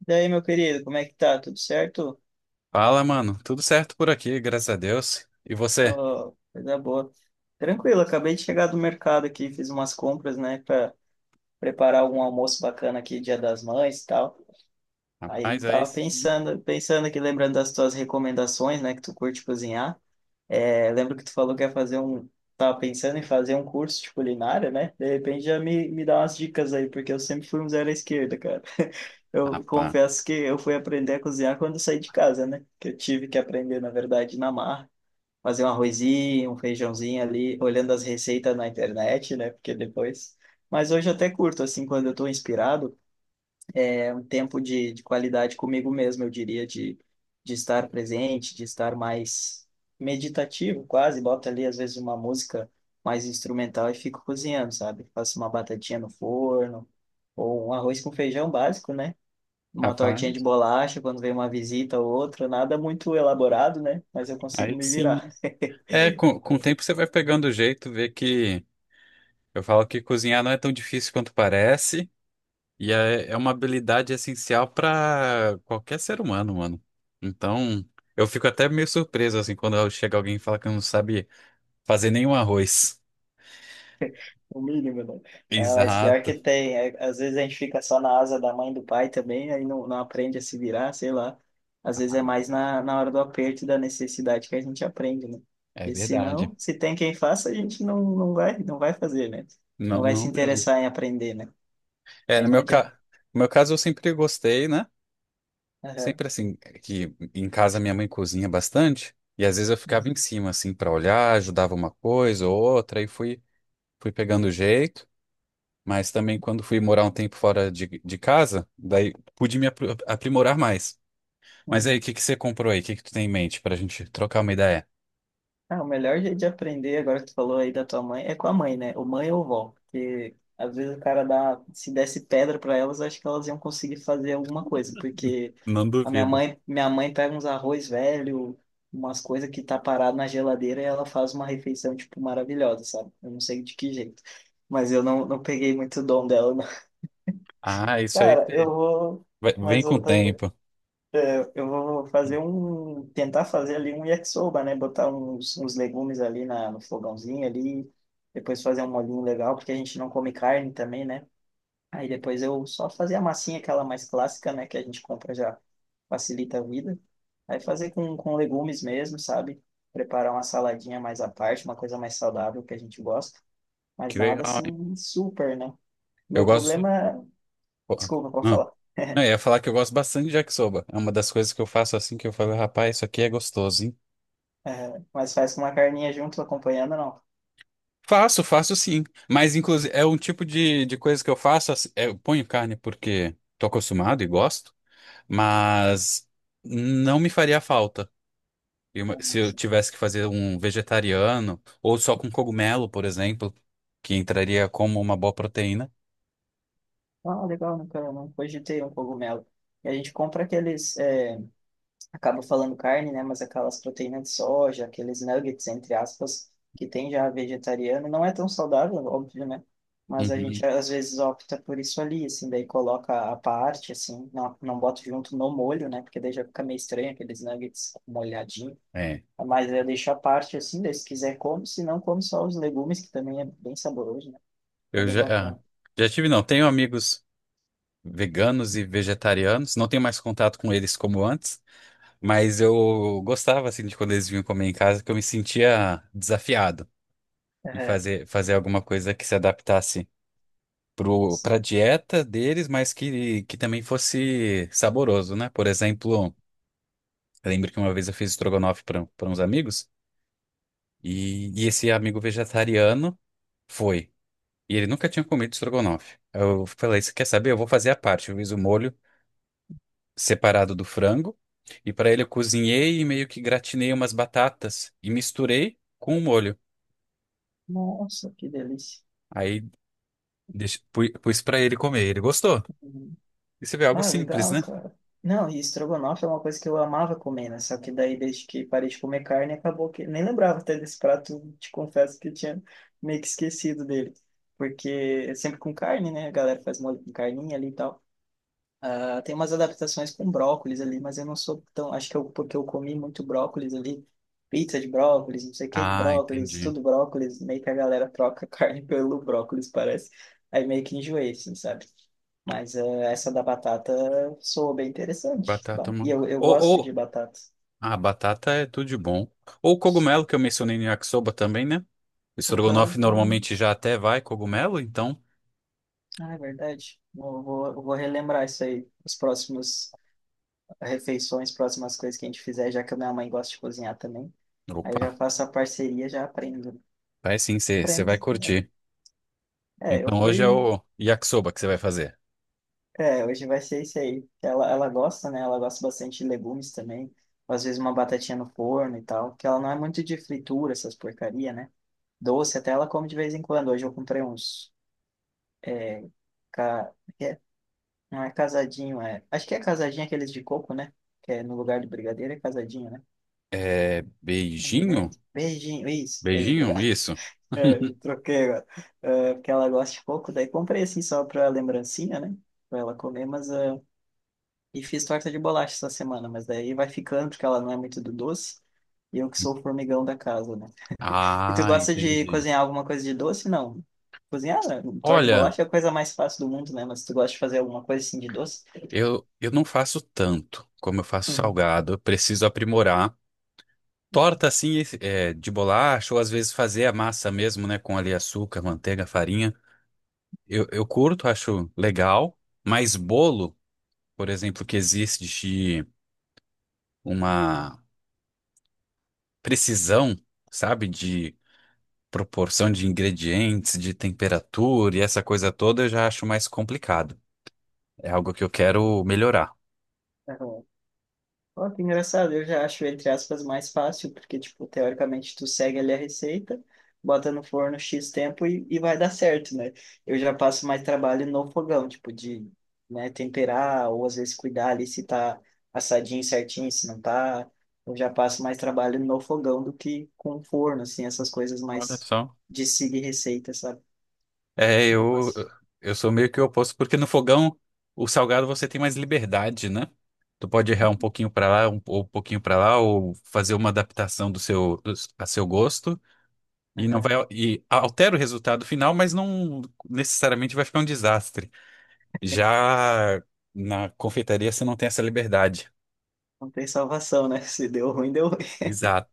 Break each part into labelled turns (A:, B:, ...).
A: Daí meu querido, como é que tá? Tudo certo?
B: Fala, mano. Tudo certo por aqui, graças a Deus. E você?
A: Ó, coisa boa. Tranquilo, acabei de chegar do mercado aqui, fiz umas compras, né, para preparar algum almoço bacana aqui, Dia das Mães e tal. Aí
B: Rapaz, aí
A: tava
B: sim.
A: pensando aqui, lembrando das tuas recomendações, né, que tu curte cozinhar. É, lembro que tu falou que ia fazer um. Tava pensando em fazer um curso de culinária, né? De repente já me dá umas dicas aí, porque eu sempre fui um zero à esquerda, cara. Eu
B: Rapaz,
A: confesso que eu fui aprender a cozinhar quando eu saí de casa, né? Que eu tive que aprender, na verdade, na marra. Fazer um arrozinho, um feijãozinho ali, olhando as receitas na internet, né? Porque depois. Mas hoje eu até curto, assim, quando eu tô inspirado um tempo de qualidade comigo mesmo, eu diria, de estar presente, de estar mais meditativo, quase. Boto ali, às vezes, uma música mais instrumental e fico cozinhando, sabe? Faço uma batatinha no forno, ou um arroz com feijão básico, né? Uma tortinha de
B: rapaz,
A: bolacha quando vem uma visita ou outra, nada muito elaborado, né? Mas eu consigo
B: aí
A: me virar.
B: sim. É, com o tempo você vai pegando o jeito, vê que eu falo que cozinhar não é tão difícil quanto parece, e é uma habilidade essencial para qualquer ser humano, mano. Então, eu fico até meio surpreso, assim, quando chega alguém e fala que não sabe fazer nenhum arroz.
A: O mínimo, né? Ah, mas pior
B: Exato.
A: que tem. É, às vezes a gente fica só na asa da mãe e do pai também, aí não aprende a se virar, sei lá. Às vezes é mais na hora do aperto e da necessidade que a gente aprende, né?
B: É
A: Porque se
B: verdade.
A: não, se tem quem faça, a gente não vai fazer, né? Não
B: Não,
A: vai
B: não
A: se
B: mesmo.
A: interessar em aprender, né?
B: É,
A: Aí não adianta.
B: No meu caso eu sempre gostei, né?
A: Aham.
B: Sempre assim, que em casa minha mãe cozinha bastante, e às vezes eu ficava em
A: Uhum.
B: cima, assim, para olhar, ajudava uma coisa ou outra, e fui pegando o jeito. Mas também quando fui morar um tempo fora de casa, daí pude me aprimorar mais. Mas
A: Uhum.
B: aí, o que que você comprou aí? O que que tu tem em mente pra gente trocar uma ideia?
A: Ah, o melhor jeito de aprender, agora que tu falou aí da tua mãe, é com a mãe, né? Ou mãe ou vó. Porque às vezes o cara dá, se desse pedra para elas, acho que elas iam conseguir fazer alguma coisa. Porque
B: Não
A: a minha
B: duvido.
A: mãe, minha mãe pega uns arroz velho, umas coisas que tá parado na geladeira e ela faz uma refeição, tipo, maravilhosa, sabe? Eu não sei de que jeito. Mas eu não peguei muito dom dela, não.
B: Ah,
A: Cara, eu vou.
B: vai- vem
A: Mas
B: com o
A: voltando.
B: tempo.
A: Eu vou tentar fazer ali um yakisoba, né? Botar uns legumes ali no fogãozinho ali, depois fazer um molhinho legal, porque a gente não come carne também, né? Aí depois eu só fazer a massinha, aquela mais clássica, né? Que a gente compra já facilita a vida. Aí fazer com legumes mesmo, sabe? Preparar uma saladinha mais à parte, uma coisa mais saudável que a gente gosta, mas
B: Que
A: nada
B: legal, hein?
A: assim super, né?
B: Eu
A: Meu
B: gosto.
A: problema,
B: Pô,
A: desculpa, pode falar.
B: não, eu ia falar que eu gosto bastante de yakisoba. É uma das coisas que eu faço assim que eu falo, rapaz, isso aqui é gostoso, hein?
A: É, mas faz com uma carninha junto acompanhando,
B: Faço, faço sim. Mas, inclusive, é um tipo de coisa que eu faço, assim, eu ponho carne porque tô acostumado e gosto, mas não me faria falta. E
A: não.
B: se eu tivesse que fazer um vegetariano, ou só com cogumelo, por exemplo, que entraria como uma boa proteína.
A: Ah, legal, nunca, não cogitei um cogumelo. E a gente compra aqueles, é, acaba falando carne, né? Mas aquelas proteínas de soja, aqueles nuggets, entre aspas, que tem já vegetariano. Não é tão saudável, óbvio, né? Mas a gente
B: Uhum.
A: às vezes opta por isso ali, assim, daí coloca à parte, assim, não bota junto no molho, né? Porque daí já fica meio estranho aqueles nuggets molhadinho.
B: É.
A: Mas eu deixo à parte, assim, daí se quiser come, se não come só os legumes, que também é bem saboroso, né? Fica
B: Eu
A: bem
B: já,
A: bacana.
B: ah, já tive, Não, tenho amigos veganos e vegetarianos. Não tenho mais contato com eles como antes, mas eu gostava, assim, de quando eles vinham comer em casa, que eu me sentia desafiado em
A: É,
B: fazer alguma coisa que se adaptasse pra
A: sim.
B: dieta deles, mas que também fosse saboroso, né? Por exemplo, eu lembro que uma vez eu fiz estrogonofe para uns amigos e esse amigo vegetariano foi. E ele nunca tinha comido estrogonofe. Eu falei, você quer saber? Eu vou fazer a parte. Eu fiz o molho separado do frango e para ele eu cozinhei e meio que gratinei umas batatas e misturei com o molho.
A: Nossa, que delícia.
B: Aí pus para ele comer. Ele gostou.
A: Uhum.
B: Isso é algo
A: Ah,
B: simples,
A: legal,
B: né?
A: cara. Não, e estrogonofe é uma coisa que eu amava comer, né? Só que daí, desde que parei de comer carne, acabou que. Nem lembrava até desse prato, te confesso que eu tinha meio que esquecido dele. Porque é sempre com carne, né? A galera faz molho com carninha ali e tal. Ela tem umas adaptações com brócolis ali, mas eu não sou tão. Acho que eu, porque eu comi muito brócolis ali, pizza de brócolis, não sei o que de
B: Ah,
A: brócolis,
B: entendi.
A: tudo brócolis, meio que a galera troca carne pelo brócolis, parece. Aí meio que enjoei, assim, sabe? Mas essa da batata soou bem interessante.
B: Batata
A: Bah, e eu,
B: manca.
A: eu
B: Ou,
A: gosto de
B: ou...
A: batata.
B: Ah, batata é tudo de bom. Ou o cogumelo que eu mencionei no yakisoba também, né? O
A: Aham,
B: estrogonofe
A: ah,
B: normalmente já até vai cogumelo, então...
A: ah, é verdade. Eu vou relembrar isso aí, as próximas refeições, próximas coisas que a gente fizer, já que a minha mãe gosta de cozinhar também. Aí eu já
B: Opa,
A: faço a parceria, já aprendo.
B: vai sim, você vai
A: Friends, né?
B: curtir.
A: É, eu
B: Então hoje é
A: fui.
B: o yakisoba que você vai fazer.
A: É, hoje vai ser isso aí. Ela gosta, né? Ela gosta bastante de legumes também. Às vezes uma batatinha no forno e tal. Porque ela não é muito de fritura, essas porcaria, né? Doce até ela come de vez em quando. Hoje eu comprei uns. Ca... é, Não é casadinho, é. Acho que é casadinho aqueles de coco, né? Que é no lugar de brigadeiro é casadinho, né?
B: É
A: Não me lembro.
B: beijinho?
A: Beijinho, isso. Ei,
B: Beijinho?
A: obrigado.
B: Isso.
A: É, eu troquei agora. É, porque ela gosta de coco, daí comprei assim só pra lembrancinha, né? Pra ela comer, mas, ah, e fiz torta de bolacha essa semana, mas daí vai ficando, porque ela não é muito do doce. E eu que sou o formigão da casa, né? E tu
B: Ah,
A: gosta de
B: entendi.
A: cozinhar alguma coisa de doce? Não. Cozinhar, né? Torta de
B: Olha,
A: bolacha é a coisa mais fácil do mundo, né? Mas tu gosta de fazer alguma coisa assim de doce?
B: eu não faço tanto como eu faço
A: Uhum.
B: salgado. Eu preciso aprimorar. Torta assim, de bolacha, ou às vezes fazer a massa mesmo, né, com ali açúcar, manteiga, farinha. Eu curto, acho legal, mas bolo, por exemplo, que existe de uma precisão, sabe, de proporção de ingredientes, de temperatura e essa coisa toda, eu já acho mais complicado. É algo que eu quero melhorar.
A: Uhum. Ó, que engraçado, eu já acho, entre aspas, mais fácil, porque, tipo, teoricamente tu segue ali a receita, bota no forno X tempo e vai dar certo, né? Eu já passo mais trabalho no fogão, tipo, de, né, temperar, ou às vezes cuidar ali se tá assadinho certinho, se não tá. Eu já passo mais trabalho no fogão do que com o forno, assim, essas coisas
B: Olha
A: mais
B: só.
A: de seguir receita, sabe?
B: É,
A: Eu já
B: eu,
A: passo.
B: eu sou meio que o oposto, porque no fogão, o salgado você tem mais liberdade, né? Tu pode errar um pouquinho pra lá, ou um pouquinho pra lá, ou fazer uma adaptação do a seu gosto, e não vai,
A: Aham.
B: e altera o resultado final, mas não necessariamente vai ficar um desastre. Já na confeitaria você não tem essa liberdade.
A: Não tem salvação, né? Se deu ruim, deu.
B: Exato,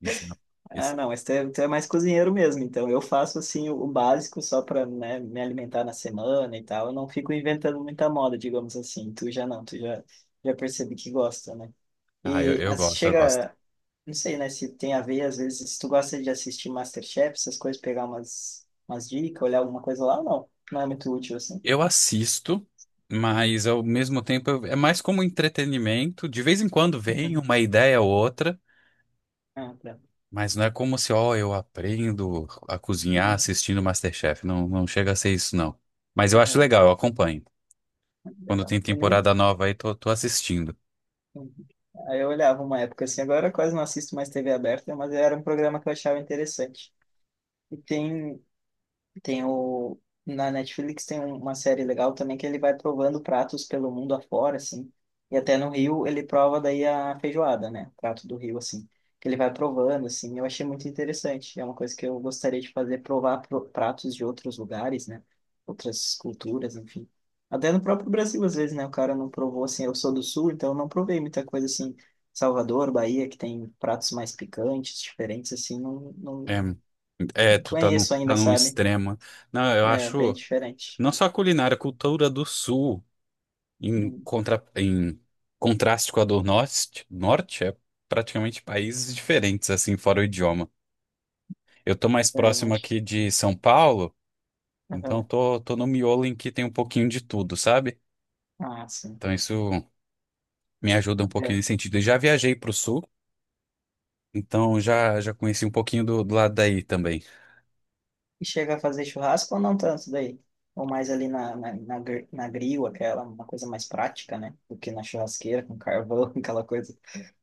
B: exato.
A: Ah,
B: Esse-
A: não, mas tu é, mais cozinheiro mesmo, então eu faço assim o básico só para, né, me alimentar na semana e tal. Eu não fico inventando muita moda, digamos assim. Tu já não, tu já já percebi que gosta, né?
B: ah,
A: E
B: eu
A: assim,
B: gosto, eu gosto.
A: chega, não sei, né, se tem a ver às vezes se tu gosta de assistir MasterChef, essas coisas, pegar umas dicas, olhar alguma coisa lá, não é muito útil assim.
B: Eu assisto, mas ao mesmo tempo é mais como entretenimento. De vez em quando vem
A: Uhum.
B: uma ideia ou outra,
A: Ah, tá.
B: mas não é como se, ó, eu aprendo a cozinhar
A: Uhum.
B: assistindo MasterChef. Não, não chega a ser isso, não. Mas eu acho
A: Aham.
B: legal, eu acompanho. Quando
A: Legal.
B: tem
A: Eu nem
B: temporada nova aí, tô assistindo.
A: Aí eu olhava uma época assim, agora eu quase não assisto mais TV aberta, mas era um programa que eu achava interessante. E tem o. Na Netflix tem uma série legal também que ele vai provando pratos pelo mundo afora, assim. E até no Rio ele prova daí a feijoada, né? Prato do Rio, assim. Que ele vai provando, assim. Eu achei muito interessante. É uma coisa que eu gostaria de fazer, provar pratos de outros lugares, né? Outras culturas, enfim. Até no próprio Brasil, às vezes, né? O cara não provou, assim. Eu sou do Sul, então eu não provei muita coisa, assim. Salvador, Bahia, que tem pratos mais picantes, diferentes, assim. Não
B: É, é, tu tá num,
A: conheço
B: tá
A: ainda,
B: num
A: sabe?
B: extremo. Não, eu
A: É bem
B: acho.
A: diferente.
B: Não só a culinária, a cultura do sul. Em,
A: Hum.
B: contra, em contraste com a do norte, norte, é praticamente países diferentes, assim, fora o idioma. Eu tô mais
A: É,
B: próximo
A: mas.
B: aqui de São Paulo, então
A: Aham.
B: tô no miolo em que tem um pouquinho de tudo, sabe?
A: Ah, sim.
B: Então isso me ajuda um pouquinho
A: É.
B: nesse sentido. Eu já viajei pro sul, então já, já conheci um pouquinho do lado daí também.
A: E chega a fazer churrasco ou não tanto daí? Ou mais ali na grill, aquela, uma coisa mais prática, né? Do que na churrasqueira, com carvão, aquela coisa.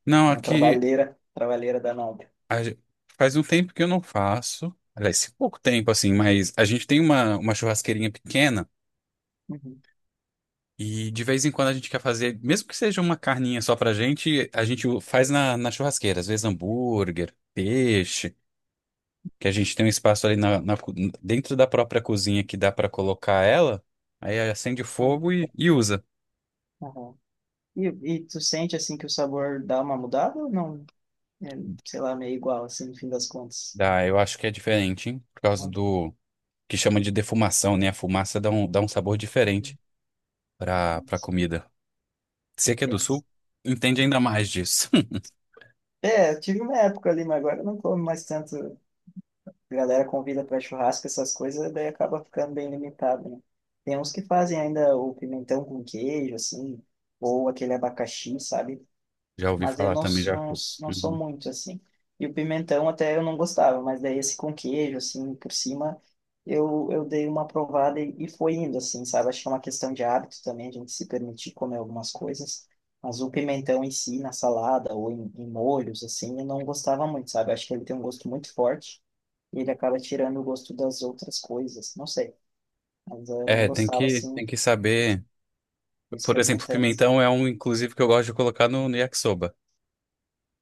B: Não,
A: Uma
B: aqui
A: trabalheira, trabalheira danada.
B: a ge- faz um tempo que eu não faço, aliás, pouco tempo, assim, mas a gente tem uma churrasqueirinha pequena.
A: Uhum.
B: E de vez em quando a gente quer fazer, mesmo que seja uma carninha só pra gente, a gente faz na churrasqueira, às vezes hambúrguer, peixe, que a gente tem um espaço ali dentro da própria cozinha que dá pra colocar ela, aí acende o fogo e usa.
A: Aham. E, e tu sente, assim, que o sabor dá uma mudada ou não? É, sei lá, meio igual, assim, no fim das contas.
B: Dá, eu acho que é diferente, hein? Por causa
A: Muito
B: do que chama de defumação, né? A fumaça dá dá um sabor diferente pra
A: assim,
B: comida. Você que é do
A: intenso.
B: sul, entende ainda mais disso.
A: É, eu tive uma época ali, mas agora eu não como mais tanto. A galera convida para churrasco, essas coisas, daí acaba ficando bem limitado, né? Tem uns que fazem ainda o pimentão com queijo, assim, ou aquele abacaxi, sabe?
B: Já ouvi
A: Mas eu
B: falar
A: não,
B: também,
A: s-
B: já.
A: não, s- não sou
B: Uhum.
A: muito, assim. E o pimentão até eu não gostava, mas daí esse com queijo, assim, por cima, eu dei uma provada e foi indo, assim, sabe? Acho que é uma questão de hábito também, a gente se permitir comer algumas coisas. Mas o pimentão em si, na salada ou em molhos, assim, eu não gostava muito, sabe? Acho que ele tem um gosto muito forte e ele acaba tirando o gosto das outras coisas. Não sei, mas eu não
B: É,
A: gostava assim,
B: tem que saber. Por exemplo,
A: experimentando.
B: pimentão é um, inclusive, que eu gosto de colocar no yakisoba.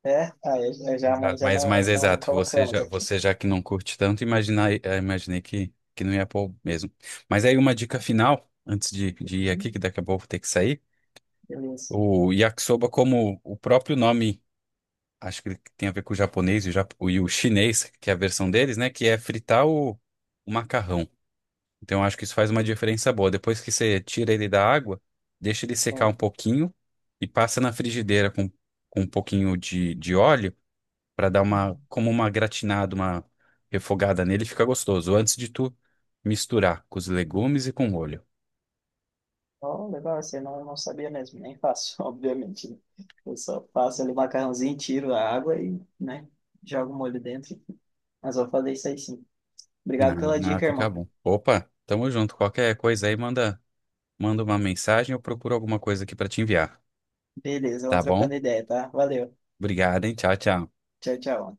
A: É, ah, eu já,
B: Exato.
A: mas já
B: Mas mais
A: não
B: exato,
A: colocamos aqui.
B: você já que não curte tanto, imaginei que não ia pôr mesmo. Mas aí uma dica final, antes de ir
A: Hum.
B: aqui, que daqui a pouco eu vou ter que sair.
A: Beleza.
B: O yakisoba, como o próprio nome, acho que ele tem a ver com o japonês e o, e o chinês, que é a versão deles, né? Que é fritar o macarrão. Então, eu acho que isso faz uma diferença boa. Depois que você tira ele da água, deixa ele secar
A: Bom.
B: um pouquinho e passa na frigideira com um pouquinho de óleo para dar uma,
A: Uhum.
B: como uma gratinada, uma refogada nele, fica gostoso. Antes de tu misturar com os legumes e com o molho.
A: Oh, legal, assim, eu não sabia mesmo, nem faço, obviamente, né? Eu só faço ali o macarrãozinho, tiro a água e, né, jogo o molho dentro. Mas vou fazer isso aí sim. Obrigado pela
B: Ah, ah,
A: dica,
B: fica
A: irmão.
B: bom. Opa, tamo junto. Qualquer coisa aí, manda uma mensagem, eu procuro alguma coisa aqui para te enviar.
A: Beleza,
B: Tá
A: vamos
B: bom?
A: trocando ideia, tá? Valeu.
B: Obrigado, hein? Tchau, tchau.
A: Tchau, tchau.